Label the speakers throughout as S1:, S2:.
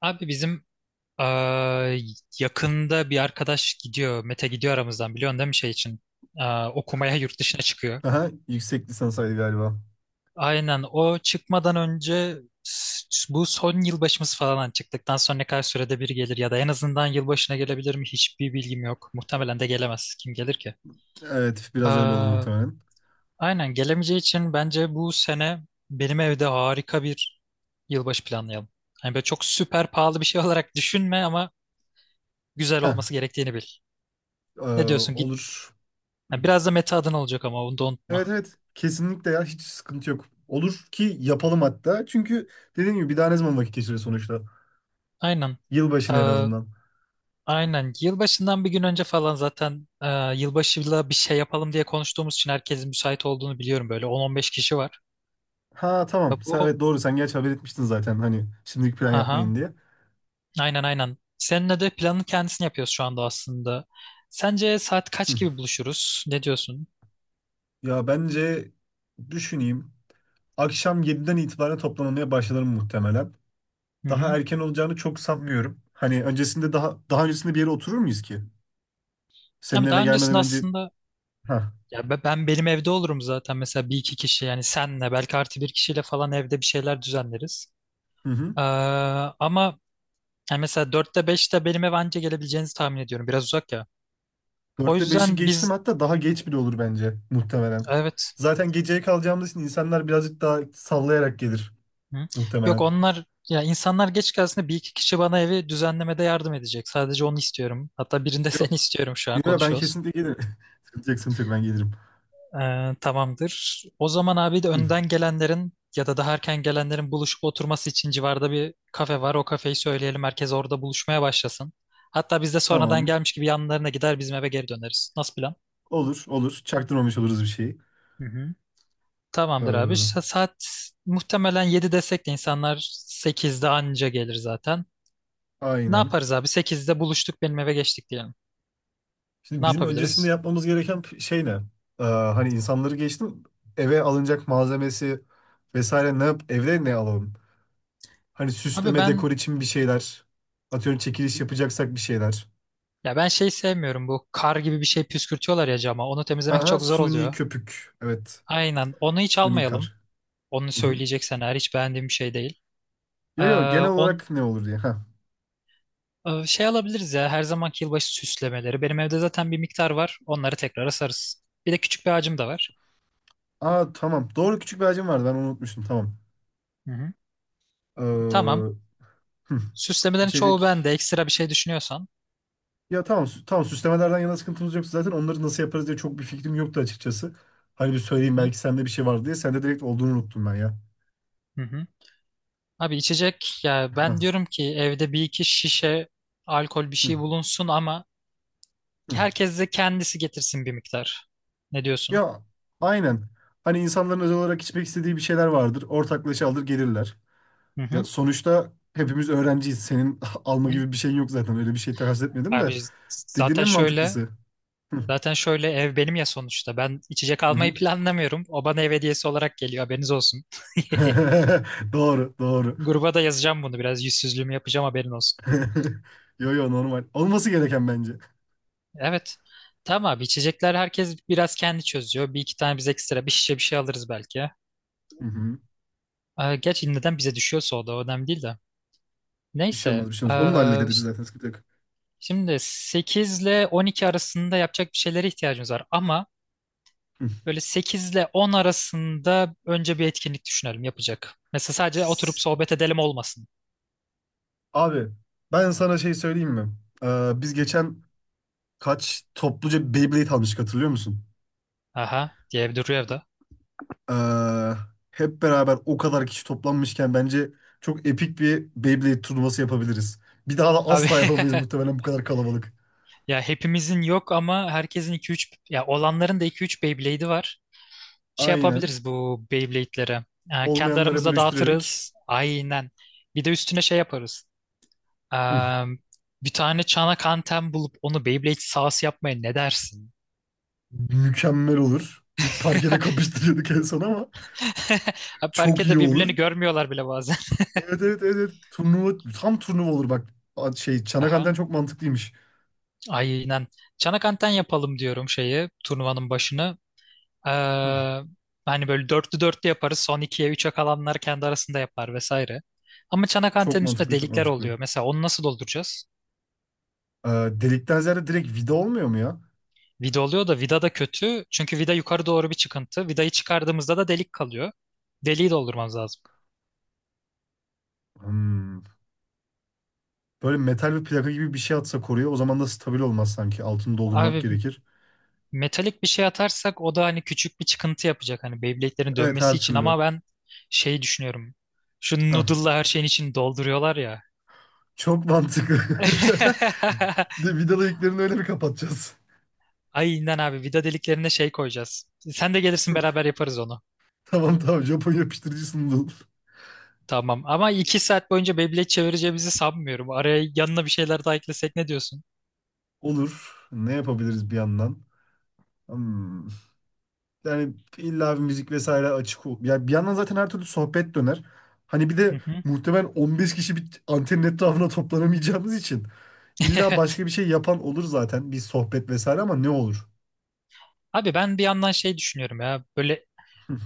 S1: Abi bizim eee, yakında bir arkadaş gidiyor. Mete gidiyor aramızdan biliyorsun değil mi şey için? Okumaya yurt dışına çıkıyor.
S2: Aha, yüksek lisansaydı galiba.
S1: Aynen o çıkmadan önce bu son yılbaşımız falan hani çıktıktan sonra ne kadar sürede bir gelir ya da en azından yılbaşına gelebilir mi hiçbir bilgim yok. Muhtemelen de gelemez. Kim gelir ki?
S2: Evet, biraz öyle olur
S1: Eee,
S2: muhtemelen.
S1: aynen gelemeyeceği için bence bu sene benim evde harika bir yılbaşı planlayalım. Hani böyle çok süper pahalı bir şey olarak düşünme ama güzel
S2: Heh,
S1: olması gerektiğini bil.
S2: e,
S1: Ne diyorsun git.
S2: olur.
S1: Ha, biraz da meta adına olacak ama onu da unutma.
S2: Evet evet, kesinlikle ya hiç sıkıntı yok. Olur ki yapalım hatta. Çünkü dediğim gibi bir daha ne zaman vakit geçiriyor sonuçta.
S1: Aynen.
S2: Yılbaşını en
S1: Ee,
S2: azından.
S1: aynen. Yılbaşından bir gün önce falan zaten yılbaşıyla bir şey yapalım diye konuştuğumuz için herkesin müsait olduğunu biliyorum. Böyle 10-15 kişi var.
S2: Ha
S1: Ya
S2: tamam. Sen,
S1: Bu
S2: evet doğru sen gerçi haber etmiştin zaten hani şimdilik plan
S1: Aha,
S2: yapmayın diye.
S1: aynen aynen. Seninle de planın kendisini yapıyoruz şu anda aslında. Sence saat kaç
S2: Hı.
S1: gibi buluşuruz? Ne diyorsun?
S2: Ya bence düşüneyim. Akşam yediden itibaren toplanmaya başlarım muhtemelen.
S1: Hı
S2: Daha
S1: hı.
S2: erken olacağını çok sanmıyorum. Hani öncesinde daha öncesinde bir yere oturur muyuz ki? Senin
S1: Ama
S2: eve
S1: daha
S2: gelmeden
S1: öncesinde
S2: önce.
S1: aslında
S2: Ha,
S1: ya ben benim evde olurum zaten mesela bir iki kişi yani senle belki artı bir kişiyle falan evde bir şeyler düzenleriz.
S2: hı hı.
S1: Ee, ama Yani mesela dörtte beşte benim eve anca gelebileceğinizi tahmin ediyorum. Biraz uzak ya. O
S2: Dörtte beşi
S1: yüzden
S2: geçtim hatta daha geç bile olur bence muhtemelen.
S1: evet.
S2: Zaten geceye kalacağımız için insanlar birazcık daha sallayarak gelir
S1: Hı. Yok,
S2: muhtemelen.
S1: ya insanlar geç gelsin de bir iki kişi bana evi düzenlemede yardım edecek. Sadece onu istiyorum. Hatta birinde seni
S2: Yok.
S1: istiyorum şu an
S2: Yok, ben
S1: konuşuyoruz.
S2: kesinlikle gelirim. Sıkıntı yok, sıkıntı yok, ben gelirim.
S1: Tamamdır. O zaman abi de
S2: Hı,
S1: önden gelenlerin ya da daha erken gelenlerin buluşup oturması için civarda bir kafe var. O kafeyi söyleyelim. Herkes orada buluşmaya başlasın. Hatta biz de sonradan
S2: tamam.
S1: gelmiş gibi yanlarına gider bizim eve geri döneriz. Nasıl plan?
S2: Olur olur. Çaktırmamış oluruz bir şeyi.
S1: Hı hı. Tamamdır abi. Sa-
S2: Ee,
S1: Saat muhtemelen 7 desek de insanlar 8'de anca gelir zaten. Ne
S2: aynen.
S1: yaparız abi? 8'de buluştuk benim eve geçtik diyelim.
S2: Şimdi
S1: Ne
S2: bizim öncesinde
S1: yapabiliriz?
S2: yapmamız gereken şey ne? Hani insanları geçtim. Eve alınacak malzemesi vesaire ne yap? Evde ne alalım? Hani
S1: Abi
S2: süsleme, dekor için bir şeyler. Atıyorum çekiliş yapacaksak bir şeyler.
S1: ya ben şey sevmiyorum bu kar gibi bir şey püskürtüyorlar ya cama. Onu
S2: Ha
S1: temizlemek
S2: ha,
S1: çok zor
S2: suni
S1: oluyor.
S2: köpük. Evet.
S1: Aynen. Onu hiç
S2: Suni
S1: almayalım.
S2: kar.
S1: Onu
S2: Hı hı.
S1: söyleyeceksen eğer hiç beğendiğim bir şey değil. Ee,
S2: Yo yo, genel
S1: on
S2: olarak ne olur diye. Ha.
S1: şey alabiliriz ya her zamanki yılbaşı süslemeleri. Benim evde zaten bir miktar var. Onları tekrar asarız. Bir de küçük bir ağacım da var.
S2: Aa, tamam. Doğru, küçük bir hacim vardı. Ben onu unutmuştum. Tamam.
S1: Hı hı. Tamam.
S2: Ee, hı,
S1: Süslemelerin çoğu
S2: içecek.
S1: bende. Ekstra bir şey düşünüyorsan.
S2: Ya tamam, tamam süslemelerden yana sıkıntımız yok zaten. Onları nasıl yaparız diye çok bir fikrim yoktu açıkçası. Hani bir
S1: Hı
S2: söyleyeyim
S1: hı
S2: belki sende bir şey var diye. Sende direkt olduğunu unuttum ben ya.
S1: hı hı. Abi içecek ya ben
S2: Hah,
S1: diyorum ki evde bir iki şişe alkol bir
S2: hı,
S1: şey bulunsun ama
S2: hı.
S1: herkes de kendisi getirsin bir miktar. Ne diyorsun?
S2: Ya aynen. Hani insanların özel olarak içmek istediği bir şeyler vardır. Ortaklaşa alır gelirler.
S1: Hı
S2: Ya
S1: hı,
S2: sonuçta hepimiz öğrenciyiz. Senin alma
S1: hı.
S2: gibi bir şeyin yok zaten. Öyle bir şey takas etmedim de.
S1: Abi
S2: Dediğin
S1: zaten
S2: en
S1: şöyle
S2: mantıklısı. Hı,
S1: ev benim ya sonuçta. Ben içecek
S2: hı
S1: almayı
S2: hı.
S1: planlamıyorum. O bana ev hediyesi olarak geliyor haberiniz olsun.
S2: Doğru, doğru.
S1: Gruba da yazacağım bunu biraz yüzsüzlüğümü yapacağım haberin olsun.
S2: Yo yo, normal. Olması gereken bence.
S1: Evet. Tamam abi içecekler herkes biraz kendi çözüyor. Bir iki tane biz ekstra bir şişe bir şey alırız belki.
S2: Hı hı.
S1: Gerçi neden bize düşüyorsa o da önemli değil de.
S2: Bir şey olmaz,
S1: Neyse.
S2: bir şey olmaz. Onu da
S1: ee,
S2: hallederiz biz
S1: ş-
S2: zaten. Sıkıntı yok.
S1: şimdi 8 ile 12 arasında yapacak bir şeylere ihtiyacımız var. Ama
S2: Hı.
S1: böyle 8 ile 10 arasında önce bir etkinlik düşünelim yapacak. Mesela sadece oturup
S2: S-
S1: sohbet edelim olmasın.
S2: Abi ben sana şey söyleyeyim mi? Biz
S1: Hı.
S2: geçen kaç topluca Beyblade almıştık hatırlıyor musun?
S1: Aha diye bir duruyor evde.
S2: Ee, hep beraber o kadar kişi toplanmışken bence çok epik bir Beyblade turnuvası yapabiliriz. Bir daha da
S1: Abi
S2: asla yapamayız muhtemelen bu kadar kalabalık.
S1: ya hepimizin yok ama herkesin iki üç, ya olanların da iki üç Beyblade'i var. Şey
S2: Aynen.
S1: yapabiliriz bu Beyblade'lere. Kendi
S2: Olmayanlara
S1: aramızda
S2: bölüştürerek
S1: dağıtırız. Aynen. Bir de üstüne şey yaparız. Ee,
S2: hı,
S1: bir tane çanak anten bulup onu Beyblade sahası yapmaya ne dersin?
S2: mükemmel olur. Biz parkede kapıştırıyorduk en son ama
S1: Abi
S2: çok iyi
S1: parkede
S2: olur.
S1: birbirlerini görmüyorlar bile bazen.
S2: Evet evet evet. Evet. Turnuva tam turnuva olur bak. Şey çanak
S1: Aha.
S2: anten çok mantıklıymış.
S1: Aynen. Çanak anten yapalım diyorum şeyi turnuvanın başını. Ee,
S2: Hı.
S1: hani böyle dörtlü dörtlü yaparız. Son ikiye üçe kalanlar kendi arasında yapar vesaire. Ama çanak
S2: Çok
S1: antenin üstünde
S2: mantıklı, çok
S1: delikler
S2: mantıklı.
S1: oluyor. Mesela onu nasıl dolduracağız?
S2: Ee, delikten ziyade direkt vida olmuyor mu ya?
S1: Vida oluyor da vida da kötü. Çünkü vida yukarı doğru bir çıkıntı. Vidayı çıkardığımızda da delik kalıyor. Deliği doldurmamız lazım.
S2: Hmm. Böyle metal bir plaka gibi bir şey atsa koruya o zaman da stabil olmaz sanki. Altını doldurmak
S1: Abi
S2: gerekir.
S1: metalik bir şey atarsak o da hani küçük bir çıkıntı yapacak hani Beyblade'lerin
S2: Evet,
S1: dönmesi
S2: her
S1: için
S2: türlü.
S1: ama ben şey düşünüyorum. Şu
S2: Hah.
S1: noodle'la her şeyin içini dolduruyorlar ya.
S2: Çok mantıklı. De vidalı iliklerini öyle mi kapatacağız?
S1: Aynen abi vida deliklerine şey koyacağız. Sen de gelirsin beraber yaparız onu.
S2: Tamam tamam, Japon yapıştırıcı sundu.
S1: Tamam ama 2 saat boyunca Beyblade çevireceğimizi sanmıyorum. Araya yanına bir şeyler daha eklesek ne diyorsun?
S2: Olur. Ne yapabiliriz bir yandan? Hmm. Yani illa bir müzik vesaire açık ol. Ya bir yandan zaten her türlü sohbet döner. Hani bir
S1: Hı
S2: de
S1: hı.
S2: muhtemelen 15 kişi bir antenin etrafına toplanamayacağımız için illa başka
S1: Evet.
S2: bir şey yapan olur zaten. Bir sohbet vesaire, ama ne olur?
S1: Abi ben bir yandan şey düşünüyorum ya böyle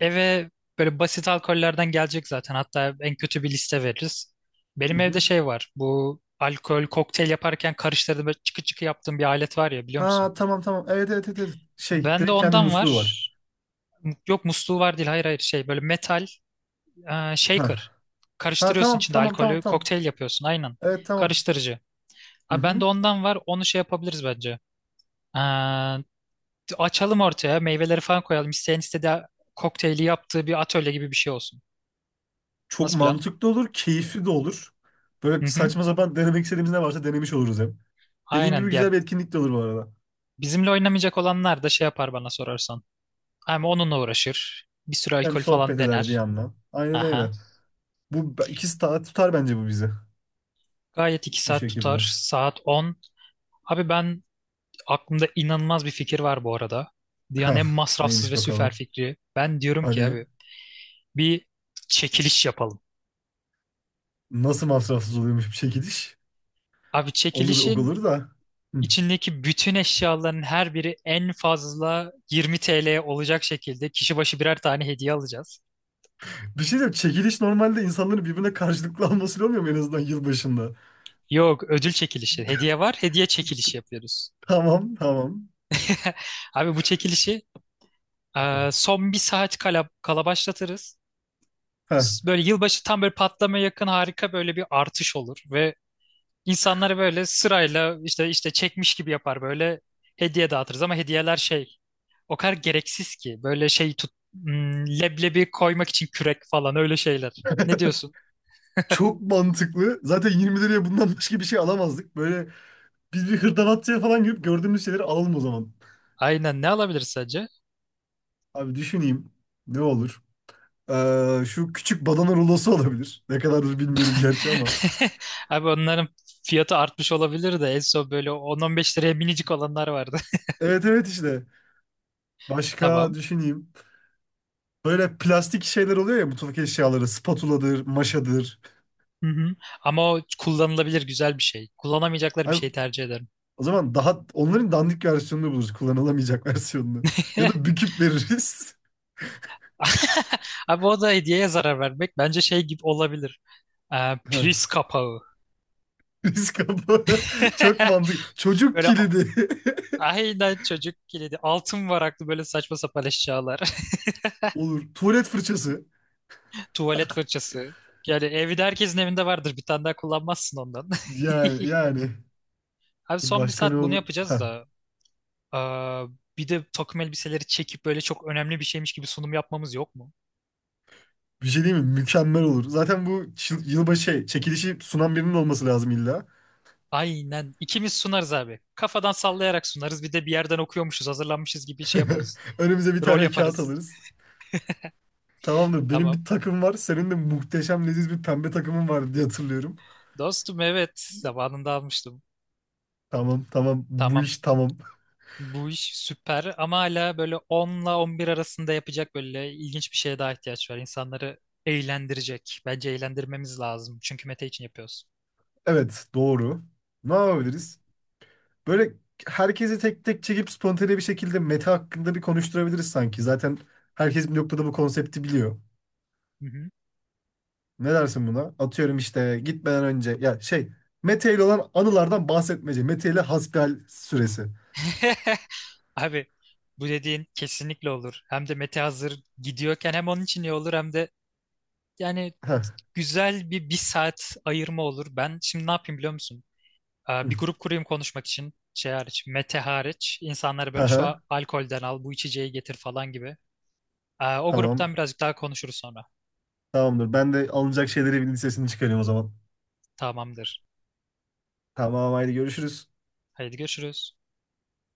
S1: eve böyle basit alkollerden gelecek zaten hatta en kötü bir liste veririz.
S2: Hı
S1: Benim evde
S2: hı.
S1: şey var bu alkol kokteyl yaparken karıştırdım böyle çıkı çıkı yaptığım bir alet var ya biliyor musun?
S2: Ha tamam tamam. Evet evet evet. Evet. Şey,
S1: Bende
S2: direkt kendi
S1: ondan var.
S2: musluğu var.
S1: Yok musluğu var değil hayır hayır şey böyle metal
S2: Ha.
S1: shaker.
S2: Ha
S1: Karıştırıyorsun
S2: tamam
S1: içinde
S2: tamam tamam
S1: alkolü
S2: tamam.
S1: kokteyl yapıyorsun aynen
S2: Evet, tamam.
S1: karıştırıcı.
S2: Hı
S1: Abi
S2: hı.
S1: bende ondan var onu şey yapabiliriz bence. Açalım ortaya meyveleri falan koyalım. İsteyen istediği kokteyli yaptığı bir atölye gibi bir şey olsun.
S2: Çok
S1: Nasıl plan?
S2: mantıklı olur, keyifli de olur. Böyle
S1: Hı hı.
S2: saçma sapan denemek istediğimiz ne varsa denemiş oluruz hem. Dediğin
S1: Aynen.
S2: gibi
S1: Ya
S2: güzel bir etkinlik de olur bu arada.
S1: bizimle oynamayacak olanlar da şey yapar bana sorarsan. Hem onunla uğraşır. Bir sürü
S2: Hem
S1: alkol falan
S2: sohbet eder bir
S1: dener.
S2: yandan. Aynen öyle.
S1: Aha.
S2: Bu ikisi tutar bence bu bizi.
S1: Gayet iki
S2: Bu
S1: saat tutar.
S2: şekilde.
S1: Saat 10 Abi ben aklımda inanılmaz bir fikir var bu arada. Dünyanın
S2: Hah,
S1: en masrafsız
S2: neymiş
S1: ve süper
S2: bakalım.
S1: fikri. Ben diyorum ki
S2: Hadi.
S1: abi bir çekiliş yapalım.
S2: Nasıl masrafsız oluyormuş bir çekiliş?
S1: Abi
S2: Olur
S1: çekilişin
S2: olur da. Hı.
S1: İçindeki bütün eşyaların her biri en fazla 20 TL olacak şekilde kişi başı birer tane hediye alacağız.
S2: Bir şey diyeyim. Çekiliş normalde insanların birbirine karşılıklı alması olmuyor mu en azından yılbaşında?
S1: Yok, ödül çekilişi. Hediye var, hediye çekilişi yapıyoruz.
S2: Tamam tamam.
S1: Abi bu çekilişi son bir saat kala başlatırız.
S2: Heh.
S1: Böyle yılbaşı tam böyle patlamaya yakın harika böyle bir artış olur ve insanları böyle sırayla işte işte çekmiş gibi yapar böyle hediye dağıtırız ama hediyeler şey O kadar gereksiz ki. Böyle şey tut leblebi koymak için kürek falan öyle şeyler. Ne diyorsun?
S2: Çok mantıklı. Zaten 20 liraya bundan başka bir şey alamazdık. Böyle biz bir hırdavatçıya falan girip gördüğümüz şeyleri alalım o zaman.
S1: Aynen ne alabiliriz sence?
S2: Abi düşüneyim. Ne olur? Şu küçük badana rulosu olabilir. Ne kadardır bilmiyorum gerçi ama.
S1: Abi onların fiyatı artmış olabilir de en son böyle 10-15 liraya minicik olanlar vardı.
S2: Evet evet işte. Başka
S1: Tamam.
S2: düşüneyim. Böyle plastik şeyler oluyor ya, mutfak eşyaları. Spatuladır, maşadır.
S1: Hı hı. Ama o kullanılabilir güzel bir şey. Kullanamayacakları bir
S2: Ay,
S1: şey tercih ederim.
S2: o zaman daha onların dandik versiyonunu buluruz. Kullanılamayacak versiyonunu. Ya da büküp veririz.
S1: Abi o da hediyeye zarar vermek bence şey gibi olabilir. Ee,
S2: Heh,
S1: priz kapağı.
S2: risk kapağı. Çok mantıklı. Çocuk
S1: Böyle
S2: kilidi.
S1: aynen çocuk kilidi. Altın varaklı böyle saçma sapan eşyalar.
S2: Olur. Tuvalet fırçası.
S1: Tuvalet fırçası. Yani evde herkesin evinde vardır. Bir tane daha kullanmazsın ondan.
S2: Yani yani.
S1: Abi
S2: Dur,
S1: son bir
S2: başka ne
S1: saat bunu
S2: olur? Heh.
S1: yapacağız da. Aa, bir de takım elbiseleri çekip böyle çok önemli bir şeymiş gibi sunum yapmamız yok mu?
S2: Bir şey değil mi? Mükemmel olur. Zaten bu yılbaşı şey, çekilişi sunan birinin olması lazım illa.
S1: Aynen. İkimiz sunarız abi. Kafadan sallayarak sunarız. Bir de bir yerden okuyormuşuz, hazırlanmışız gibi şey yaparız.
S2: Önümüze bir
S1: Rol
S2: tane kağıt
S1: yaparız.
S2: alırız. Tamamdır. Benim
S1: Tamam.
S2: bir takım var. Senin de muhteşem leziz bir pembe takımın var diye hatırlıyorum.
S1: Dostum evet. Zamanında almıştım.
S2: Tamam, tamam. Bu
S1: Tamam.
S2: iş tamam.
S1: Bu iş süper ama hala böyle 10'la 11 arasında yapacak böyle ilginç bir şeye daha ihtiyaç var. İnsanları eğlendirecek. Bence eğlendirmemiz lazım. Çünkü Mete için yapıyoruz.
S2: Evet, doğru. Ne
S1: Hı hı.
S2: yapabiliriz? Böyle herkesi tek tek çekip spontane bir şekilde meta hakkında bir konuşturabiliriz sanki. Zaten herkes bir noktada bu konsepti biliyor.
S1: Hı hı.
S2: Ne dersin buna? Atıyorum işte gitmeden önce ya şey, Mete ile olan anılardan bahsetmece. Mete ile hasbihal süresi.
S1: Abi bu dediğin kesinlikle olur. Hem de Mete hazır gidiyorken hem onun için iyi olur hem de yani
S2: Heh.
S1: güzel bir saat ayırma olur. Ben şimdi ne yapayım biliyor musun? Bir grup kurayım konuşmak için şey hariç, Mete hariç. İnsanları böyle şu
S2: Aha,
S1: alkolden al, bu içeceği getir falan gibi. O gruptan
S2: tamam.
S1: birazcık daha konuşuruz sonra.
S2: Tamamdır. Ben de alınacak şeyleri bir listesini çıkarıyorum o zaman.
S1: Tamamdır.
S2: Tamam, haydi görüşürüz.
S1: Haydi görüşürüz.